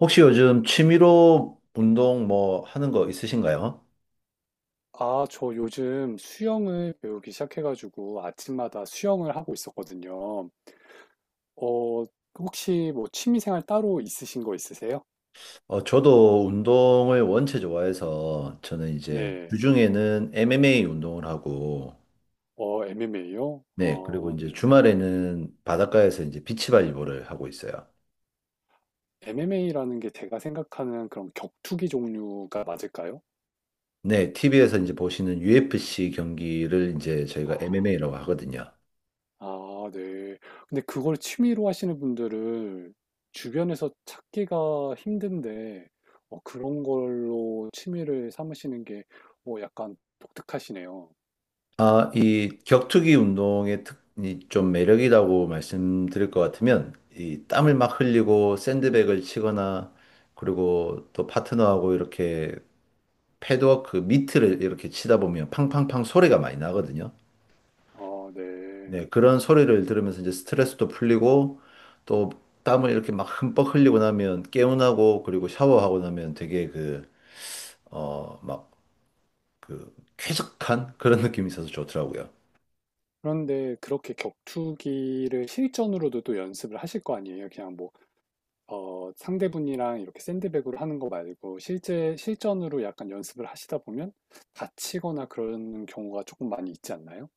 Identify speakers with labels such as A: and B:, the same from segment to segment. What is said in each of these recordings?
A: 혹시 요즘 취미로 운동 뭐 하는 거 있으신가요?
B: 아, 저 요즘 수영을 배우기 시작해가지고 아침마다 수영을 하고 있었거든요. 어, 혹시 뭐 취미생활 따로 있으신 거 있으세요?
A: 저도 운동을 원체 좋아해서 저는 이제
B: 네.
A: 주중에는 MMA 운동을 하고,
B: MMA요?
A: 네, 그리고
B: 아,
A: 이제
B: 네.
A: 주말에는 바닷가에서 이제 비치발리볼을 하고 있어요.
B: MMA라는 게 제가 생각하는 그런 격투기 종류가 맞을까요?
A: 네, TV에서 이제 보시는 UFC 경기를 이제 저희가
B: 아,
A: MMA라고 하거든요.
B: 아, 네. 근데 그걸 취미로 하시는 분들을 주변에서 찾기가 힘든데, 그런 걸로 취미를 삼으시는 게 약간 독특하시네요.
A: 아, 이 격투기 운동의 이 좀 매력이라고 말씀드릴 것 같으면, 이 땀을 막 흘리고 샌드백을 치거나, 그리고 또 파트너하고 이렇게 패드워크 그 미트를 이렇게 치다 보면 팡팡팡 소리가 많이 나거든요.
B: 네.
A: 네, 그런 소리를 들으면서 이제 스트레스도 풀리고, 또 땀을 이렇게 막 흠뻑 흘리고 나면 개운하고, 그리고 샤워하고 나면 되게 그, 막 그 쾌적한 그런 느낌이 있어서 좋더라고요.
B: 그런데 그렇게 격투기를 실전으로도 또 연습을 하실 거 아니에요? 그냥 뭐, 상대분이랑 이렇게 샌드백으로 하는 거 말고 실제 실전으로 약간 연습을 하시다 보면 다치거나 그런 경우가 조금 많이 있지 않나요?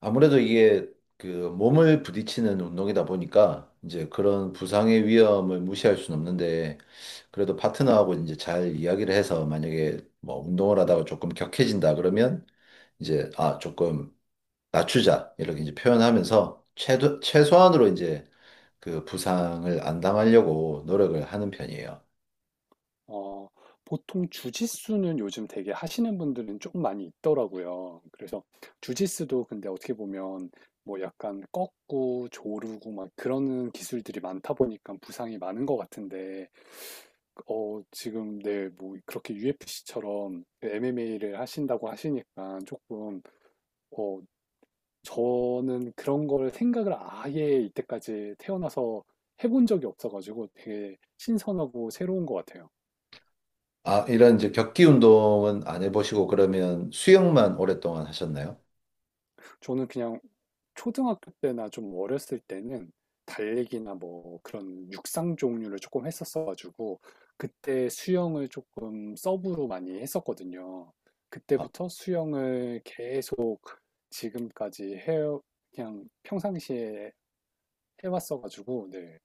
A: 아무래도 이게 그 몸을 부딪히는 운동이다 보니까 이제 그런 부상의 위험을 무시할 수는 없는데, 그래도 파트너하고 이제 잘 이야기를 해서 만약에 뭐 운동을 하다가 조금 격해진다 그러면 이제 아 조금 낮추자 이렇게 이제 표현하면서 최소한으로 이제 그 부상을 안 당하려고 노력을 하는 편이에요.
B: 어, 보통 주짓수는 요즘 되게 하시는 분들은 좀 많이 있더라고요. 그래서 주짓수도 근데 어떻게 보면 뭐 약간 꺾고 조르고 막 그러는 기술들이 많다 보니까 부상이 많은 것 같은데, 지금 네, 뭐 그렇게 UFC처럼 MMA를 하신다고 하시니까 조금, 어, 저는 그런 걸 생각을 아예 이때까지 태어나서 해본 적이 없어가지고 되게 신선하고 새로운 것 같아요.
A: 아, 이런 이제 격기 운동은 안 해보시고 그러면 수영만 오랫동안 하셨나요?
B: 저는 그냥 초등학교 때나 좀 어렸을 때는 달리기나 뭐 그런 육상 종류를 조금 했었어가지고 그때 수영을 조금 서브로 많이 했었거든요.
A: 아,
B: 그때부터 수영을 계속 지금까지 해 그냥 평상시에 해왔어가지고 네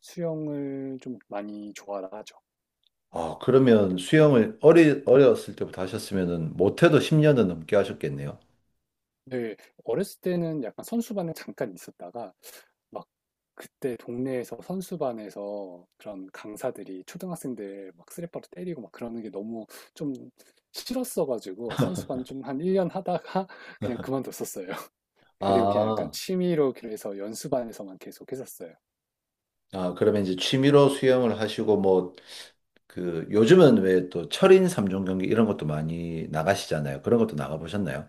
B: 수영을 좀 많이 좋아라 하죠.
A: 아, 그러면 수영을 어렸을 때부터 하셨으면은 못해도 10년은 넘게 하셨겠네요.
B: 네. 어렸을 때는 약간 선수반에 잠깐 있었다가 막 그때 동네에서 선수반에서 그런 강사들이 초등학생들 막 쓰레빠로 때리고 막 그러는 게 너무 좀 싫었어 가지고 선수반 좀 한 1년 하다가 그냥 그만뒀었어요. 그리고 그냥 약간
A: 아,
B: 취미로 그래서 연수반에서만 계속 했었어요.
A: 아, 그러면 이제 취미로 수영을 하시고 뭐 그 요즘은 왜 또 철인 3종 경기 이런 것도 많이 나가시잖아요. 그런 것도 나가보셨나요?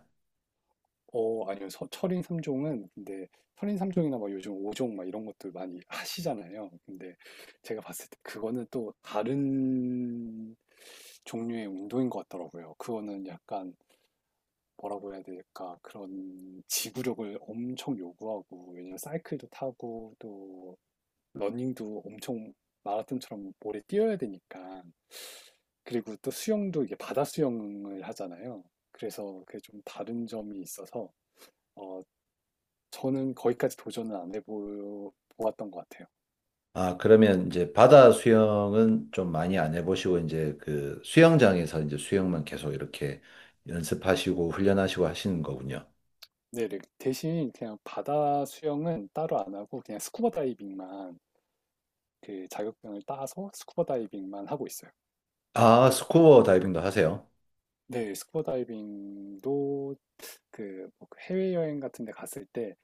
B: 아니요. 철인 3종은 근데 철인 3종이나 막 요즘 5종 막 이런 것도 많이 하시잖아요. 근데 제가 봤을 때 그거는 또 다른 종류의 운동인 것 같더라고요. 그거는 약간 뭐라고 해야 될까? 그런 지구력을 엄청 요구하고 왜냐면 사이클도 타고 또 러닝도 엄청 마라톤처럼 오래 뛰어야 되니까 그리고 또 수영도 이게 바다 수영을 하잖아요. 그래서 그게 좀 다른 점이 있어서 어, 저는 거기까지 도전은 안 해보았던 것 같아요.
A: 아, 그러면 이제 바다 수영은 좀 많이 안 해보시고 이제 그 수영장에서 이제 수영만 계속 이렇게 연습하시고 훈련하시고 하시는 거군요.
B: 네, 네. 대신 그냥 바다 수영은 따로 안 하고 그냥 스쿠버 다이빙만 그 자격증을 따서 스쿠버 다이빙만 하고 있어요.
A: 아, 스쿠버 다이빙도 하세요?
B: 네, 스쿠버 다이빙도 그뭐 해외여행 같은 데 갔을 때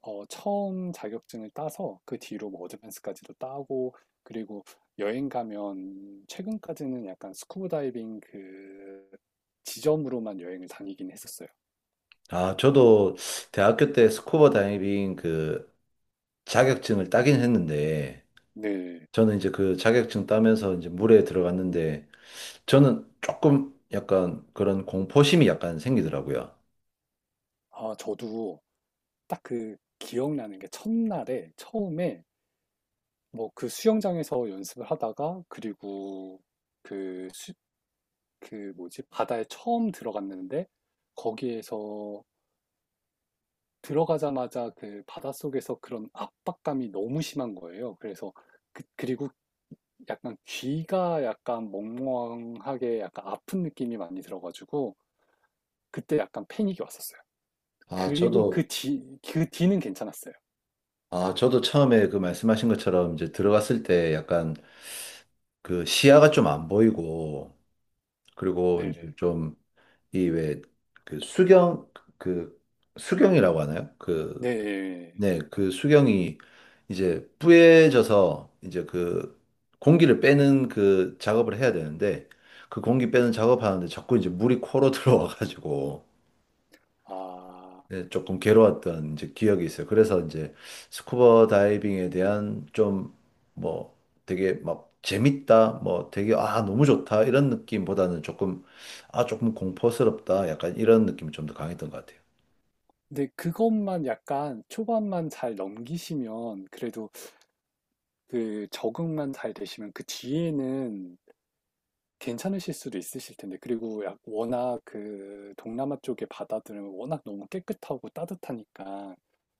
B: 처음 자격증을 따서 그 뒤로 뭐 어드밴스까지도 따고 그리고 여행 가면 최근까지는 약간 스쿠버 다이빙 그 지점으로만 여행을 다니긴 했었어요.
A: 아, 저도 대학교 때 스쿠버 다이빙 그 자격증을 따긴 했는데,
B: 네.
A: 저는 이제 그 자격증 따면서 이제 물에 들어갔는데, 저는 조금 약간 그런 공포심이 약간 생기더라고요.
B: 아, 저도 딱 그 기억나는 게 첫날에 처음에 뭐 그 수영장에서 연습을 하다가 그리고 그, 수, 그 뭐지? 바다에 처음 들어갔는데 거기에서 들어가자마자 그 바닷속에서 그런 압박감이 너무 심한 거예요. 그래서 그리고 약간 귀가 약간 멍멍하게 약간 아픈 느낌이 많이 들어가지고 그때 약간 패닉이 왔었어요.
A: 아,
B: 그리고 그
A: 저도,
B: 뒤, 그 뒤는 괜찮았어요.
A: 아, 저도 처음에 그 말씀하신 것처럼 이제 들어갔을 때 약간 그 시야가 좀 안 보이고, 그리고 이제
B: 네네.
A: 좀 이 왜 그 수경, 그 수경이라고 하나요? 그
B: 네.
A: 네, 그 수경이 이제 뿌얘져서 이제 그 공기를 빼는 그 작업을 해야 되는데 그 공기 빼는 작업하는데 자꾸 이제 물이 코로 들어와가지고
B: 아,
A: 네, 조금 괴로웠던 이제 기억이 있어요. 그래서 이제 스쿠버 다이빙에 대한 좀 뭐 되게 막 재밌다, 뭐 되게 아 너무 좋다 이런 느낌보다는 조금 아 조금 공포스럽다 약간 이런 느낌이 좀 더 강했던 것 같아요.
B: 근데 그것만 약간 초반만 잘 넘기시면 그래도 그 적응만 잘 되시면 그 뒤에는 괜찮으실 수도 있으실 텐데 그리고 워낙 그 동남아 쪽의 바다들은 워낙 너무 깨끗하고 따뜻하니까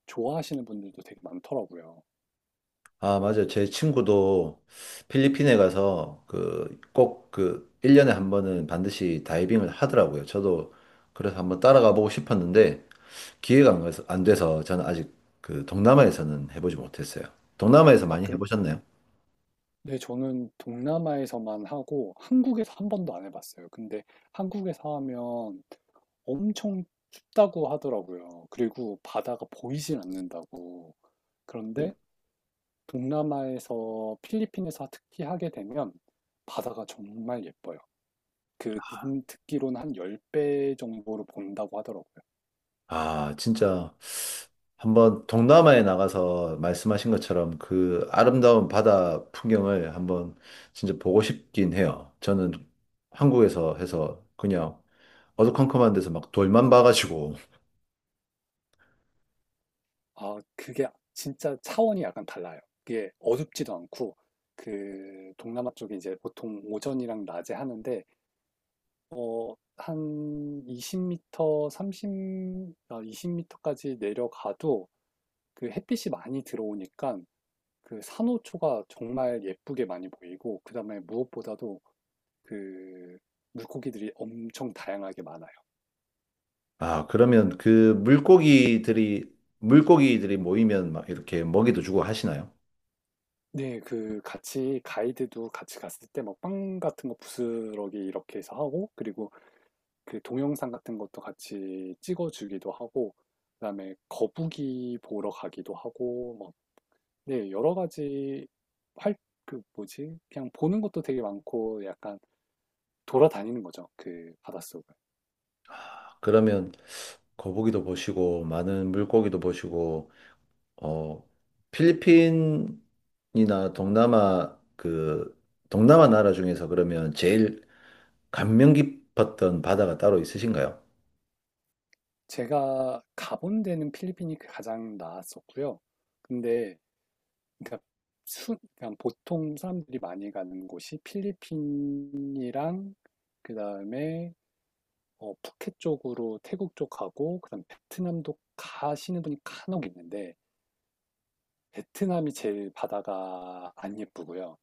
B: 좋아하시는 분들도 되게 많더라고요.
A: 아, 맞아요. 제 친구도 필리핀에 가서 그 꼭 그 1년에 한 번은 반드시 다이빙을 하더라고요. 저도 그래서 한번 따라가 보고 싶었는데 기회가
B: 네네.
A: 안 돼서 저는 아직 그 동남아에서는 해보지 못했어요. 동남아에서
B: 아,
A: 많이 해보셨나요?
B: 네, 저는 동남아에서만 하고 한국에서 한 번도 안 해봤어요. 근데 한국에서 하면 엄청 춥다고 하더라고요. 그리고 바다가 보이질 않는다고. 그런데 동남아에서 필리핀에서 특히 하게 되면 바다가 정말 예뻐요. 그 듣기로는 한 10배 정도로 본다고 하더라고요.
A: 아, 진짜 한번 동남아에 나가서 말씀하신 것처럼 그 아름다운 바다 풍경을 한번 진짜 보고 싶긴 해요. 저는 한국에서 해서 그냥 어두컴컴한 데서 막 돌만 봐가지고.
B: 아, 그게 진짜 차원이 약간 달라요. 그게 어둡지도 않고 그 동남아 쪽에 이제 보통 오전이랑 낮에 하는데 한 20m, 30, 아, 20m까지 내려가도 그 햇빛이 많이 들어오니까 그 산호초가 정말 예쁘게 많이 보이고, 그 다음에 무엇보다도 그 물고기들이 엄청 다양하게 많아요.
A: 아, 그러면 그 물고기들이 모이면 막 이렇게 먹이도 주고 하시나요?
B: 네, 그 같이 가이드도 같이 갔을 때 막 빵 같은 거 부스러기 이렇게 해서 하고, 그리고 그 동영상 같은 것도 같이 찍어주기도 하고, 그다음에 거북이 보러 가기도 하고, 뭐 네, 여러 가지 활, 그 뭐지? 그냥 보는 것도 되게 많고 약간 돌아다니는 거죠. 그 바닷속을.
A: 아, 그러면 거북이도 보시고, 많은 물고기도 보시고, 어, 필리핀이나 동남아 나라 중에서 그러면 제일 감명 깊었던 바다가 따로 있으신가요?
B: 제가 가본 데는 필리핀이 그 가장 나았었고요. 근데 그러니까 그냥 보통 사람들이 많이 가는 곳이 필리핀이랑 그다음에 푸켓 쪽으로 태국 쪽 가고 그다음 베트남도 가시는 분이 간혹 있는데 베트남이 제일 바다가 안 예쁘고요.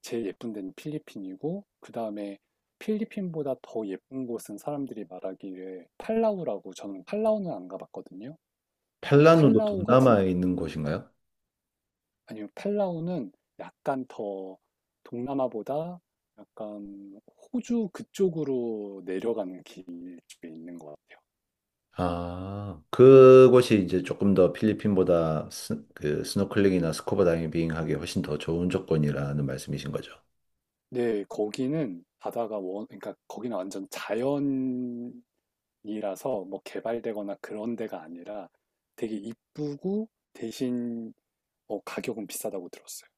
B: 제일 예쁜 데는 필리핀이고 그 다음에 필리핀보다 더 예쁜 곳은 사람들이 말하기에 팔라우라고 저는 팔라우는 안 가봤거든요. 근데
A: 팔라누도
B: 팔라우가 진
A: 동남아에 있는 곳인가요?
B: 아니면 팔라우는 약간 더 동남아보다 약간 호주 그쪽으로 내려가는 길 쪽에 있는 것 같아요.
A: 아, 그곳이 이제 조금 더 필리핀보다 그 스노클링이나 스쿠버 다이빙하기 훨씬 더 좋은 조건이라는 말씀이신 거죠.
B: 네, 거기는 바다가 그러니까 거기는 완전 자연이라서 뭐 개발되거나 그런 데가 아니라 되게 이쁘고 대신 가격은 비싸다고 들었어요.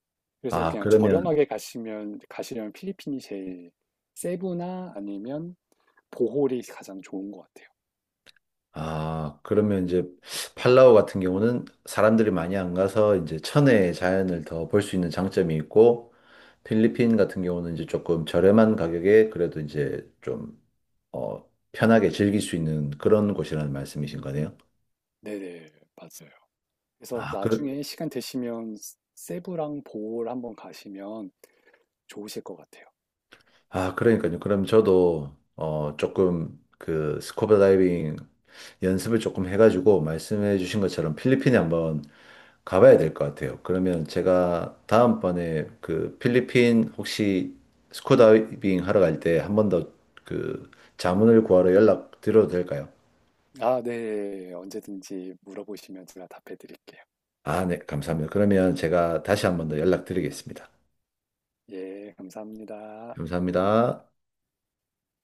B: 그래서
A: 아,
B: 그냥
A: 그러면,
B: 저렴하게 가시려면 필리핀이 제일 세부나 아니면 보홀이 가장 좋은 것 같아요.
A: 아, 그러면 이제 팔라우 같은 경우는 사람들이 많이 안 가서 이제 천혜의 자연을 더 볼 수 있는 장점이 있고, 필리핀 같은 경우는 이제 조금 저렴한 가격에 그래도 이제 좀, 어, 편하게 즐길 수 있는 그런 곳이라는 말씀이신 거네요.
B: 네네, 맞아요. 그래서
A: 아, 그렇,
B: 나중에 시간 되시면 세부랑 보홀 한번 가시면 좋으실 것 같아요.
A: 아, 그러니까요. 그럼 저도 조금 그 스쿠버 다이빙 연습을 조금 해가지고 말씀해 주신 것처럼 필리핀에 한번 가봐야 될 것 같아요. 그러면 제가 다음번에 그 필리핀 혹시 스쿠버 다이빙 하러 갈 때 한번 더 그 자문을 구하러 연락 드려도 될까요?
B: 아, 네. 언제든지 물어보시면 제가 답해 드릴게요.
A: 아, 네, 감사합니다. 그러면 제가 다시 한번 더 연락드리겠습니다.
B: 예, 감사합니다.
A: 감사합니다.